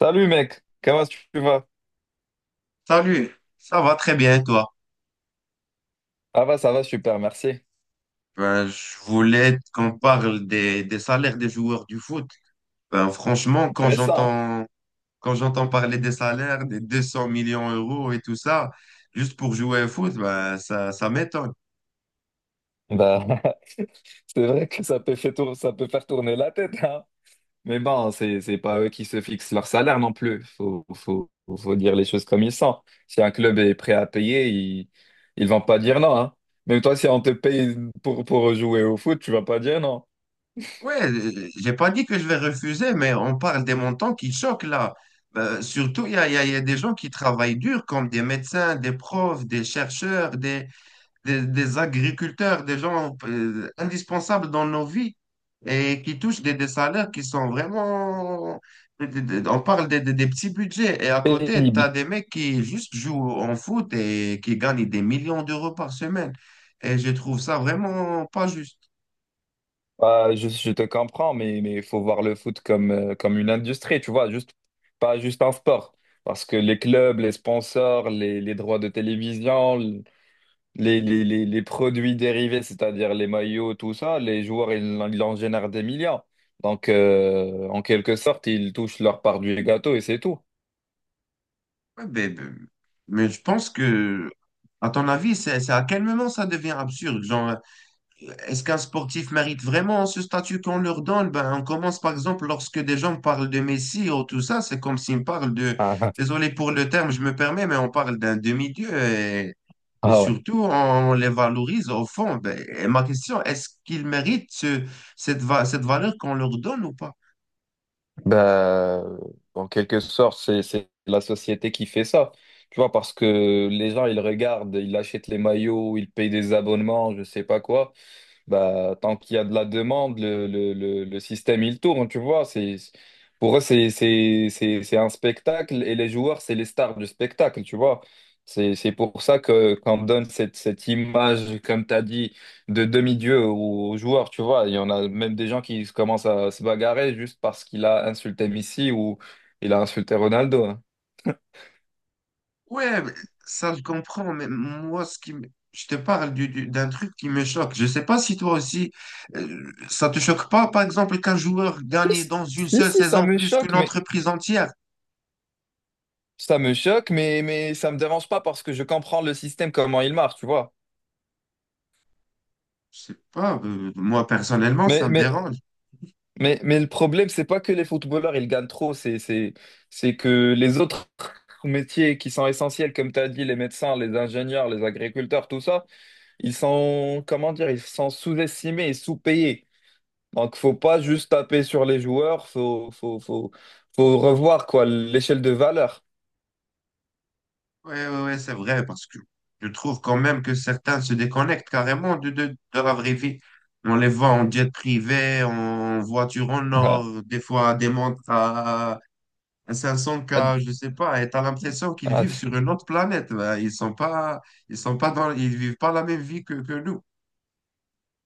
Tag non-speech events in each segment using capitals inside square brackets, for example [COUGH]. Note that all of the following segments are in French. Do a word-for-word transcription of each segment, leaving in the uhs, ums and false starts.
Salut mec, comment tu vas? Salut, ça va très bien et toi? Ah bah ça va super, merci. Ben, je voulais qu'on parle des, des salaires des joueurs du foot. Ben, franchement, quand Intéressant. j'entends quand j'entends parler des salaires, des deux cents millions d'euros et tout ça, juste pour jouer au foot, ben, ça, ça m'étonne. Hein, bah [LAUGHS] c'est vrai que ça peut faire tour- ça peut faire tourner la tête, hein. Mais bon, c'est c'est pas eux qui se fixent leur salaire non plus. Faut faut faut dire les choses comme ils sont. Si un club est prêt à payer, ils ils vont pas dire non, hein. Même toi, si on te paye pour pour jouer au foot, tu vas pas dire non. Ouais, euh, j'ai pas dit que je vais refuser, mais on parle des montants qui choquent là. Ben, surtout, il y a, il y a il y a des gens qui travaillent dur, comme des médecins, des profs, des chercheurs, des, des, des agriculteurs, des gens euh, indispensables dans nos vies et qui touchent des, des salaires qui sont vraiment. des- des- On parle des, des- des petits budgets et à côté, tu as Pénible. des mecs qui juste jouent en foot et qui gagnent des millions d'euros par semaine. Et je trouve ça vraiment pas juste. Bah, je, je te comprends, mais mais il faut voir le foot comme, euh, comme une industrie, tu vois, juste, pas juste un sport. Parce que les clubs, les sponsors, les, les droits de télévision, les, les, les, les produits dérivés, c'est-à-dire les maillots, tout ça, les joueurs, ils, en ils en génèrent des millions. Donc, euh, en quelque sorte, ils touchent leur part du gâteau et c'est tout. Ouais, ben, ben, mais, je pense que, à ton avis, c'est c'est à quel moment ça devient absurde? Genre, est-ce qu'un sportif mérite vraiment ce statut qu'on leur donne? Ben, on commence par exemple lorsque des gens parlent de Messi ou tout ça, c'est comme s'ils me parlent de, [LAUGHS] désolé pour le terme, je me permets, mais on parle d'un demi-dieu et, Ah, et ah. surtout on les valorise au fond. Ben, et ma question, est-ce qu'ils méritent ce- cette, va- cette valeur qu'on leur donne ou pas? Bah, en quelque sorte, c'est, c'est la société qui fait ça. Tu vois, parce que les gens, ils regardent, ils achètent les maillots, ils payent des abonnements, je sais pas quoi. Bah, tant qu'il y a de la demande, le, le, le, le système, il tourne, tu vois. C'est, pour eux, c'est, c'est, c'est, c'est un spectacle et les joueurs, c'est les stars du spectacle, tu vois. C'est, c'est pour ça que qu'on donne cette, cette image, comme tu as dit de demi-dieu aux joueurs, tu vois. Il y en a même des gens qui se commencent à se bagarrer juste parce qu'il a insulté Messi ou il a insulté Ronaldo. Hein. Ouais, mais ça je comprends, mais moi, ce qui me- je te parle du- du- d'un truc qui me choque. Je sais pas si toi aussi, euh, ça te choque pas, par exemple, qu'un joueur gagne Si, dans une si, seule si, ça saison me plus qu'une choque, mais entreprise entière. ça me choque, mais, mais ça me dérange pas parce que je comprends le système, comment il marche, tu vois. Je sais pas, euh, moi personnellement, ça Mais, me mais, dérange. mais, mais le problème, c'est pas que les footballeurs, ils gagnent trop, c'est, c'est, c'est que les autres métiers qui sont essentiels, comme tu as dit, les médecins, les ingénieurs, les agriculteurs, tout ça, ils sont, comment dire, ils sont sous-estimés et sous-payés. Donc, faut pas juste taper sur les joueurs, faut, faut, faut, faut revoir quoi l'échelle de valeur. Ouais, ouais, ouais, c'est vrai, parce que je trouve quand même que certains se déconnectent carrément de, de, de la vraie vie. On les voit en jet privé, en voiture en or, [LAUGHS] des fois à des montres à. Ça ressemble qu'à, je sais pas, et t'as l'impression qu'ils Ah, ah, vivent ah, sur une autre planète là. Ils sont pas, ils sont pas dans, ils vivent pas la même vie que, que nous.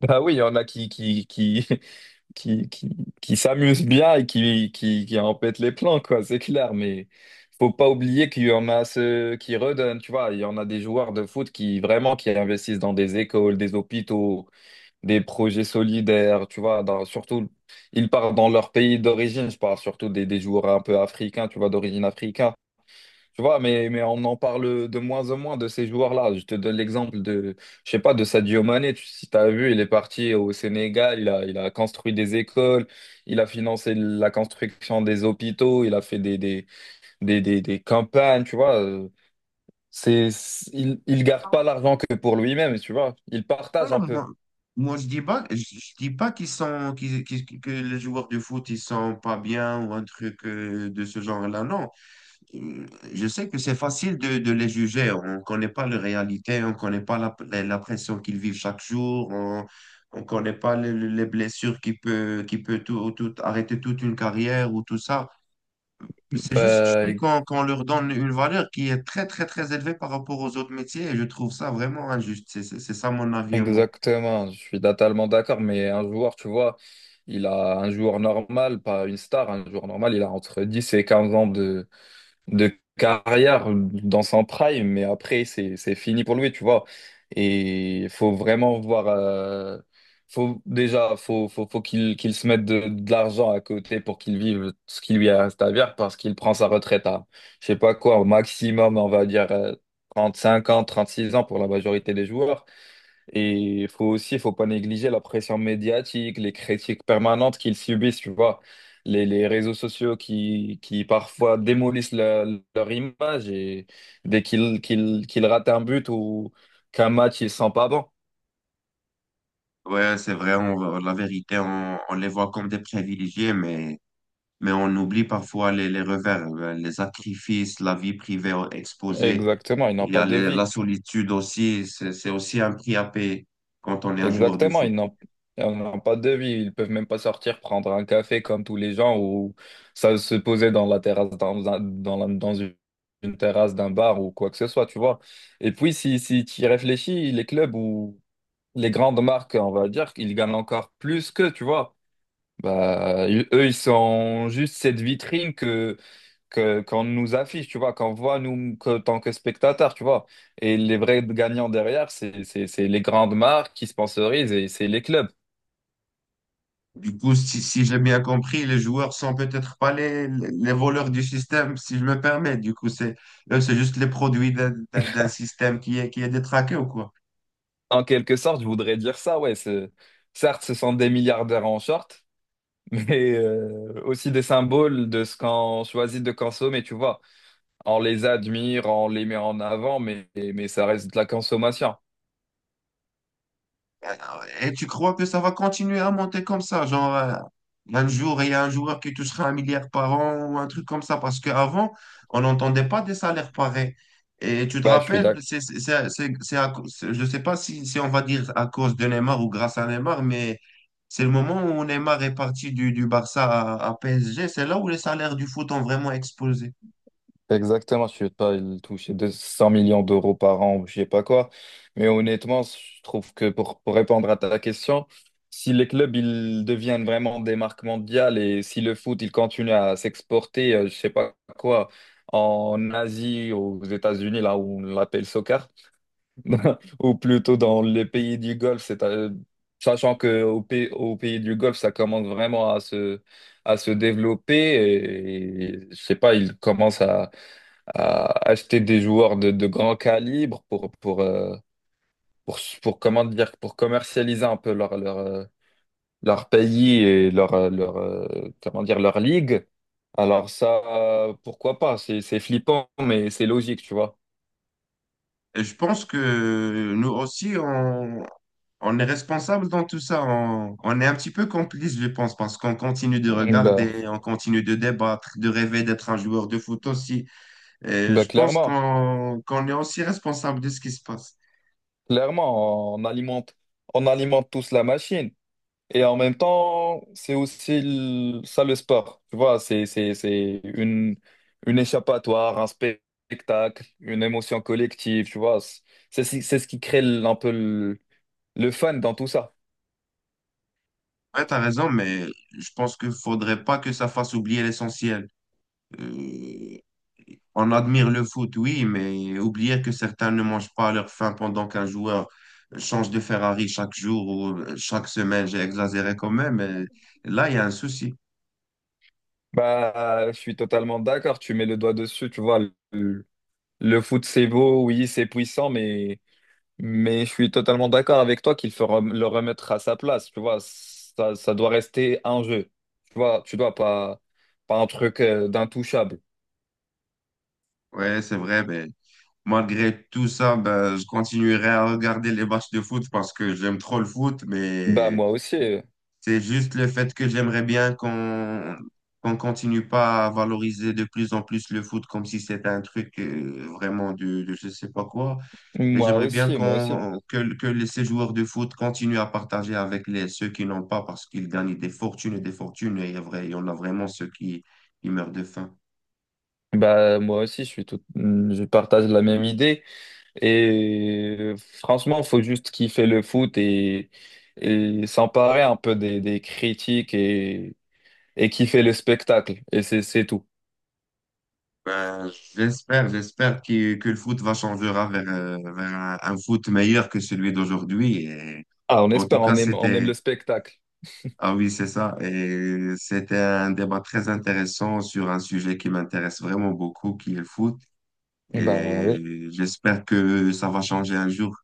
bah oui, il y en a qui, qui, qui, [LAUGHS] qui, qui, qui s'amusent bien et qui, qui, qui en pètent les plans, quoi, c'est clair, mais faut pas oublier qu'il y en a ceux qui redonnent, tu vois, il y en a des joueurs de foot qui vraiment qui investissent dans des écoles, des hôpitaux, des projets solidaires, tu vois, dans- surtout ils partent dans leur pays d'origine, je parle surtout des, des, joueurs un peu africains, tu vois, d'origine africaine. Tu vois, mais, mais on en parle de moins en moins de ces joueurs-là. Je te donne l'exemple de, je sais pas, de Sadio Mané. Tu- si tu as vu, il est parti au Sénégal, il a, il a construit des écoles, il a financé la construction des hôpitaux, il a fait des, des, des, des, des campagnes, tu vois. Euh, C'est, c'est- il, il garde pas Ah l'argent que pour lui-même, tu vois. Il ouais, partage ouais, un peu. moi, moi, je dis pas, je, je dis pas qu'ils sont, qu'ils- qu'ils- qu'ils- que les joueurs de foot, ils sont pas bien ou un truc euh, de ce genre-là. Non. Euh, Je sais que c'est facile de, de les juger. On connaît pas leur réalité, on connaît pas la, la, la pression qu'ils vivent chaque jour. On, on connaît pas les, les blessures qui peut, qui peut tout, tout, arrêter toute une carrière ou tout ça. C'est juste, je Bah, dis qu'on qu'on leur donne une valeur qui est très, très, très élevée par rapport aux autres métiers et je trouve ça vraiment injuste. C'est c'est- c'est ça mon avis à moi. exactement, je suis totalement d'accord, mais un joueur, tu vois, il a un joueur normal, pas une star, un joueur normal, il a entre dix et quinze ans de carrière dans son prime, mais après, c'est, c'est fini pour lui, tu vois. Et il faut vraiment voir. euh, faut, déjà, faut, faut, faut qu'il qu'il se mette de, de l'argent à côté pour qu'il vive ce qui lui reste à vivre parce qu'il prend sa retraite à, je sais pas quoi, au maximum, on va dire euh, cinq ans, trente-six ans pour la majorité des joueurs. Et il faut aussi, il faut pas négliger la pression médiatique, les critiques permanentes qu'ils subissent, tu vois, les, les réseaux sociaux qui, qui parfois démolissent leur, leur image et dès qu'ils qu'ils, qu'ils ratent un but ou qu'un match, ils sont pas bons. Ouais, c'est vrai, on- la vérité, on, on les voit comme des privilégiés, mais, mais on oublie parfois les, les revers, euh, les sacrifices, la vie privée exposée. Exactement, ils n'ont Il y a pas de les- la vie. solitude aussi, c'est c'est aussi un prix à payer quand on est un joueur de Exactement, foot. ils n'ont ils n'ont pas de vie, ils peuvent même pas sortir prendre un café comme tous les gens ou ça se poser dans la terrasse, dans, un- dans, la- dans une, une terrasse d'un bar ou quoi que ce soit, tu vois. Et puis, si, si tu y réfléchis, les clubs ou les grandes marques, on va dire, ils gagnent encore plus qu'eux, tu vois. Bah, ils- eux, ils sont juste cette vitrine que qu'on nous affiche, tu vois, qu'on voit nous que, tant que spectateurs, tu vois. Et les vrais gagnants derrière, c'est c'est- c'est les grandes marques qui sponsorisent et c'est les clubs. Du coup, si, si j'ai bien compris, les joueurs sont peut-être pas les, les voleurs du système, si je me permets. Du coup, c'est, eux, c'est juste les produits d'un d'un- d'un système qui est, qui est détraqué ou quoi? En quelque sorte, je voudrais dire ça, ouais. c'est- Certes, ce sont des milliardaires en short, [LAUGHS] mais euh, aussi des symboles de ce qu'on choisit de consommer, tu vois. On les admire, on les met en avant, mais, mais ça reste de la consommation. Et tu crois que ça va continuer à monter comme ça? Genre, euh, un jour, il y a un joueur qui touchera un milliard par an ou un truc comme ça. Parce qu'avant, on n'entendait pas des salaires pareils. Et tu te Bah, je suis rappelles, d'accord. c'est, c'est, c'est, c'est- c'est à cause- je ne sais pas si, si on va dire à cause de Neymar ou grâce à Neymar, mais c'est le moment où Neymar est parti du, du Barça à, à P S G. C'est là où les salaires du foot ont vraiment explosé. Exactement, je ne vais pas il toucher deux cents millions d'euros par an, ou je sais pas quoi. Mais honnêtement, je trouve que pour, pour répondre à ta question, si les clubs ils deviennent vraiment des marques mondiales et si le foot il continue à s'exporter, euh, je sais pas quoi, en Asie, aux États-Unis, là où on l'appelle soccer, [LAUGHS] ou plutôt dans les pays du Golfe, c'est, euh, sachant que au pays, au pays du Golfe, ça commence vraiment à se, à se, développer et, et je sais pas, ils commencent à à acheter des joueurs de, de grand calibre pour, pour, euh, pour, pour, comment dire, pour commercialiser un peu leur, leur, euh, leur pays et leur, euh, leur, euh, comment dire, leur ligue. Alors ça, euh, pourquoi pas? C'est, c'est flippant, mais c'est logique, tu vois. Et je pense que nous aussi, on, On est responsable dans tout ça. On, on est un petit peu complice, je pense, parce qu'on continue de Mm, Bah, regarder, on continue de débattre, de rêver d'être un joueur de foot aussi. Et bah je pense clairement, qu'on qu'on est aussi responsable de ce qui se passe. clairement, on alimente, on alimente tous la machine. Et en même temps, c'est aussi le- ça le sport. Tu vois, c'est, c'est, c'est une, une échappatoire, un spectacle, une émotion collective. Tu vois, c'est c'est ce c'est ce qui crée l- un peu le, le fun dans tout ça. Ouais, t'as raison, mais je pense qu'il faudrait pas que ça fasse oublier l'essentiel. Euh, on admire le foot, oui, mais oublier que certains ne mangent pas à leur faim pendant qu'un joueur change de Ferrari chaque jour ou chaque semaine, j'ai exagéré quand même, mais là, il y a un souci. Bah, je suis totalement d'accord. Tu mets le doigt dessus. Tu vois, le, le foot, c'est beau, oui, c'est puissant, mais. Mais je suis totalement d'accord avec toi qu'il faut rem- le remettre à sa place. Tu vois, ça, ça doit rester un jeu. Tu vois, tu dois pas, pas un truc euh, d'intouchable. Ouais, c'est vrai, mais malgré tout ça, ben, je continuerai à regarder les matchs de foot parce que j'aime trop le foot, Bah, mais moi aussi. euh, c'est juste le fait que j'aimerais bien qu'on qu'on continue pas à valoriser de plus en plus le foot comme si c'était un truc euh, vraiment de, de je sais pas quoi. Et Moi j'aimerais bien aussi, moi aussi. qu'on, que, que les- ces joueurs de foot continuent à partager avec les, ceux qui n'ont pas parce qu'ils gagnent des fortunes et des fortunes et il y a vrai- il y en a vraiment ceux qui, qui meurent de faim. Bah, moi aussi, je suis tout, je partage la même idée. Et euh, franchement, faut juste kiffer le foot et, et s'emparer un peu des, des, critiques et, et kiffer le spectacle. Et c'est, c'est tout. Ben, j'espère, j'espère que, que le foot va changer vers, euh, vers un, un foot meilleur que celui d'aujourd'hui. Et Ah, on en tout espère, cas, on aime, on aime c'était, le spectacle. ah oui, c'est ça. Et c'était un débat très intéressant sur un sujet qui m'intéresse vraiment beaucoup, qui est le foot. Bah, oui. Et j'espère que ça va changer un jour.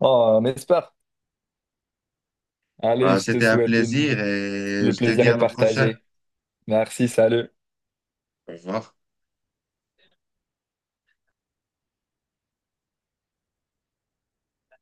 Oh, on espère. Allez, Ben, je te c'était un souhaite une... plaisir et Le je te plaisir dis est à la prochaine. partagé. Merci, salut. Au revoir.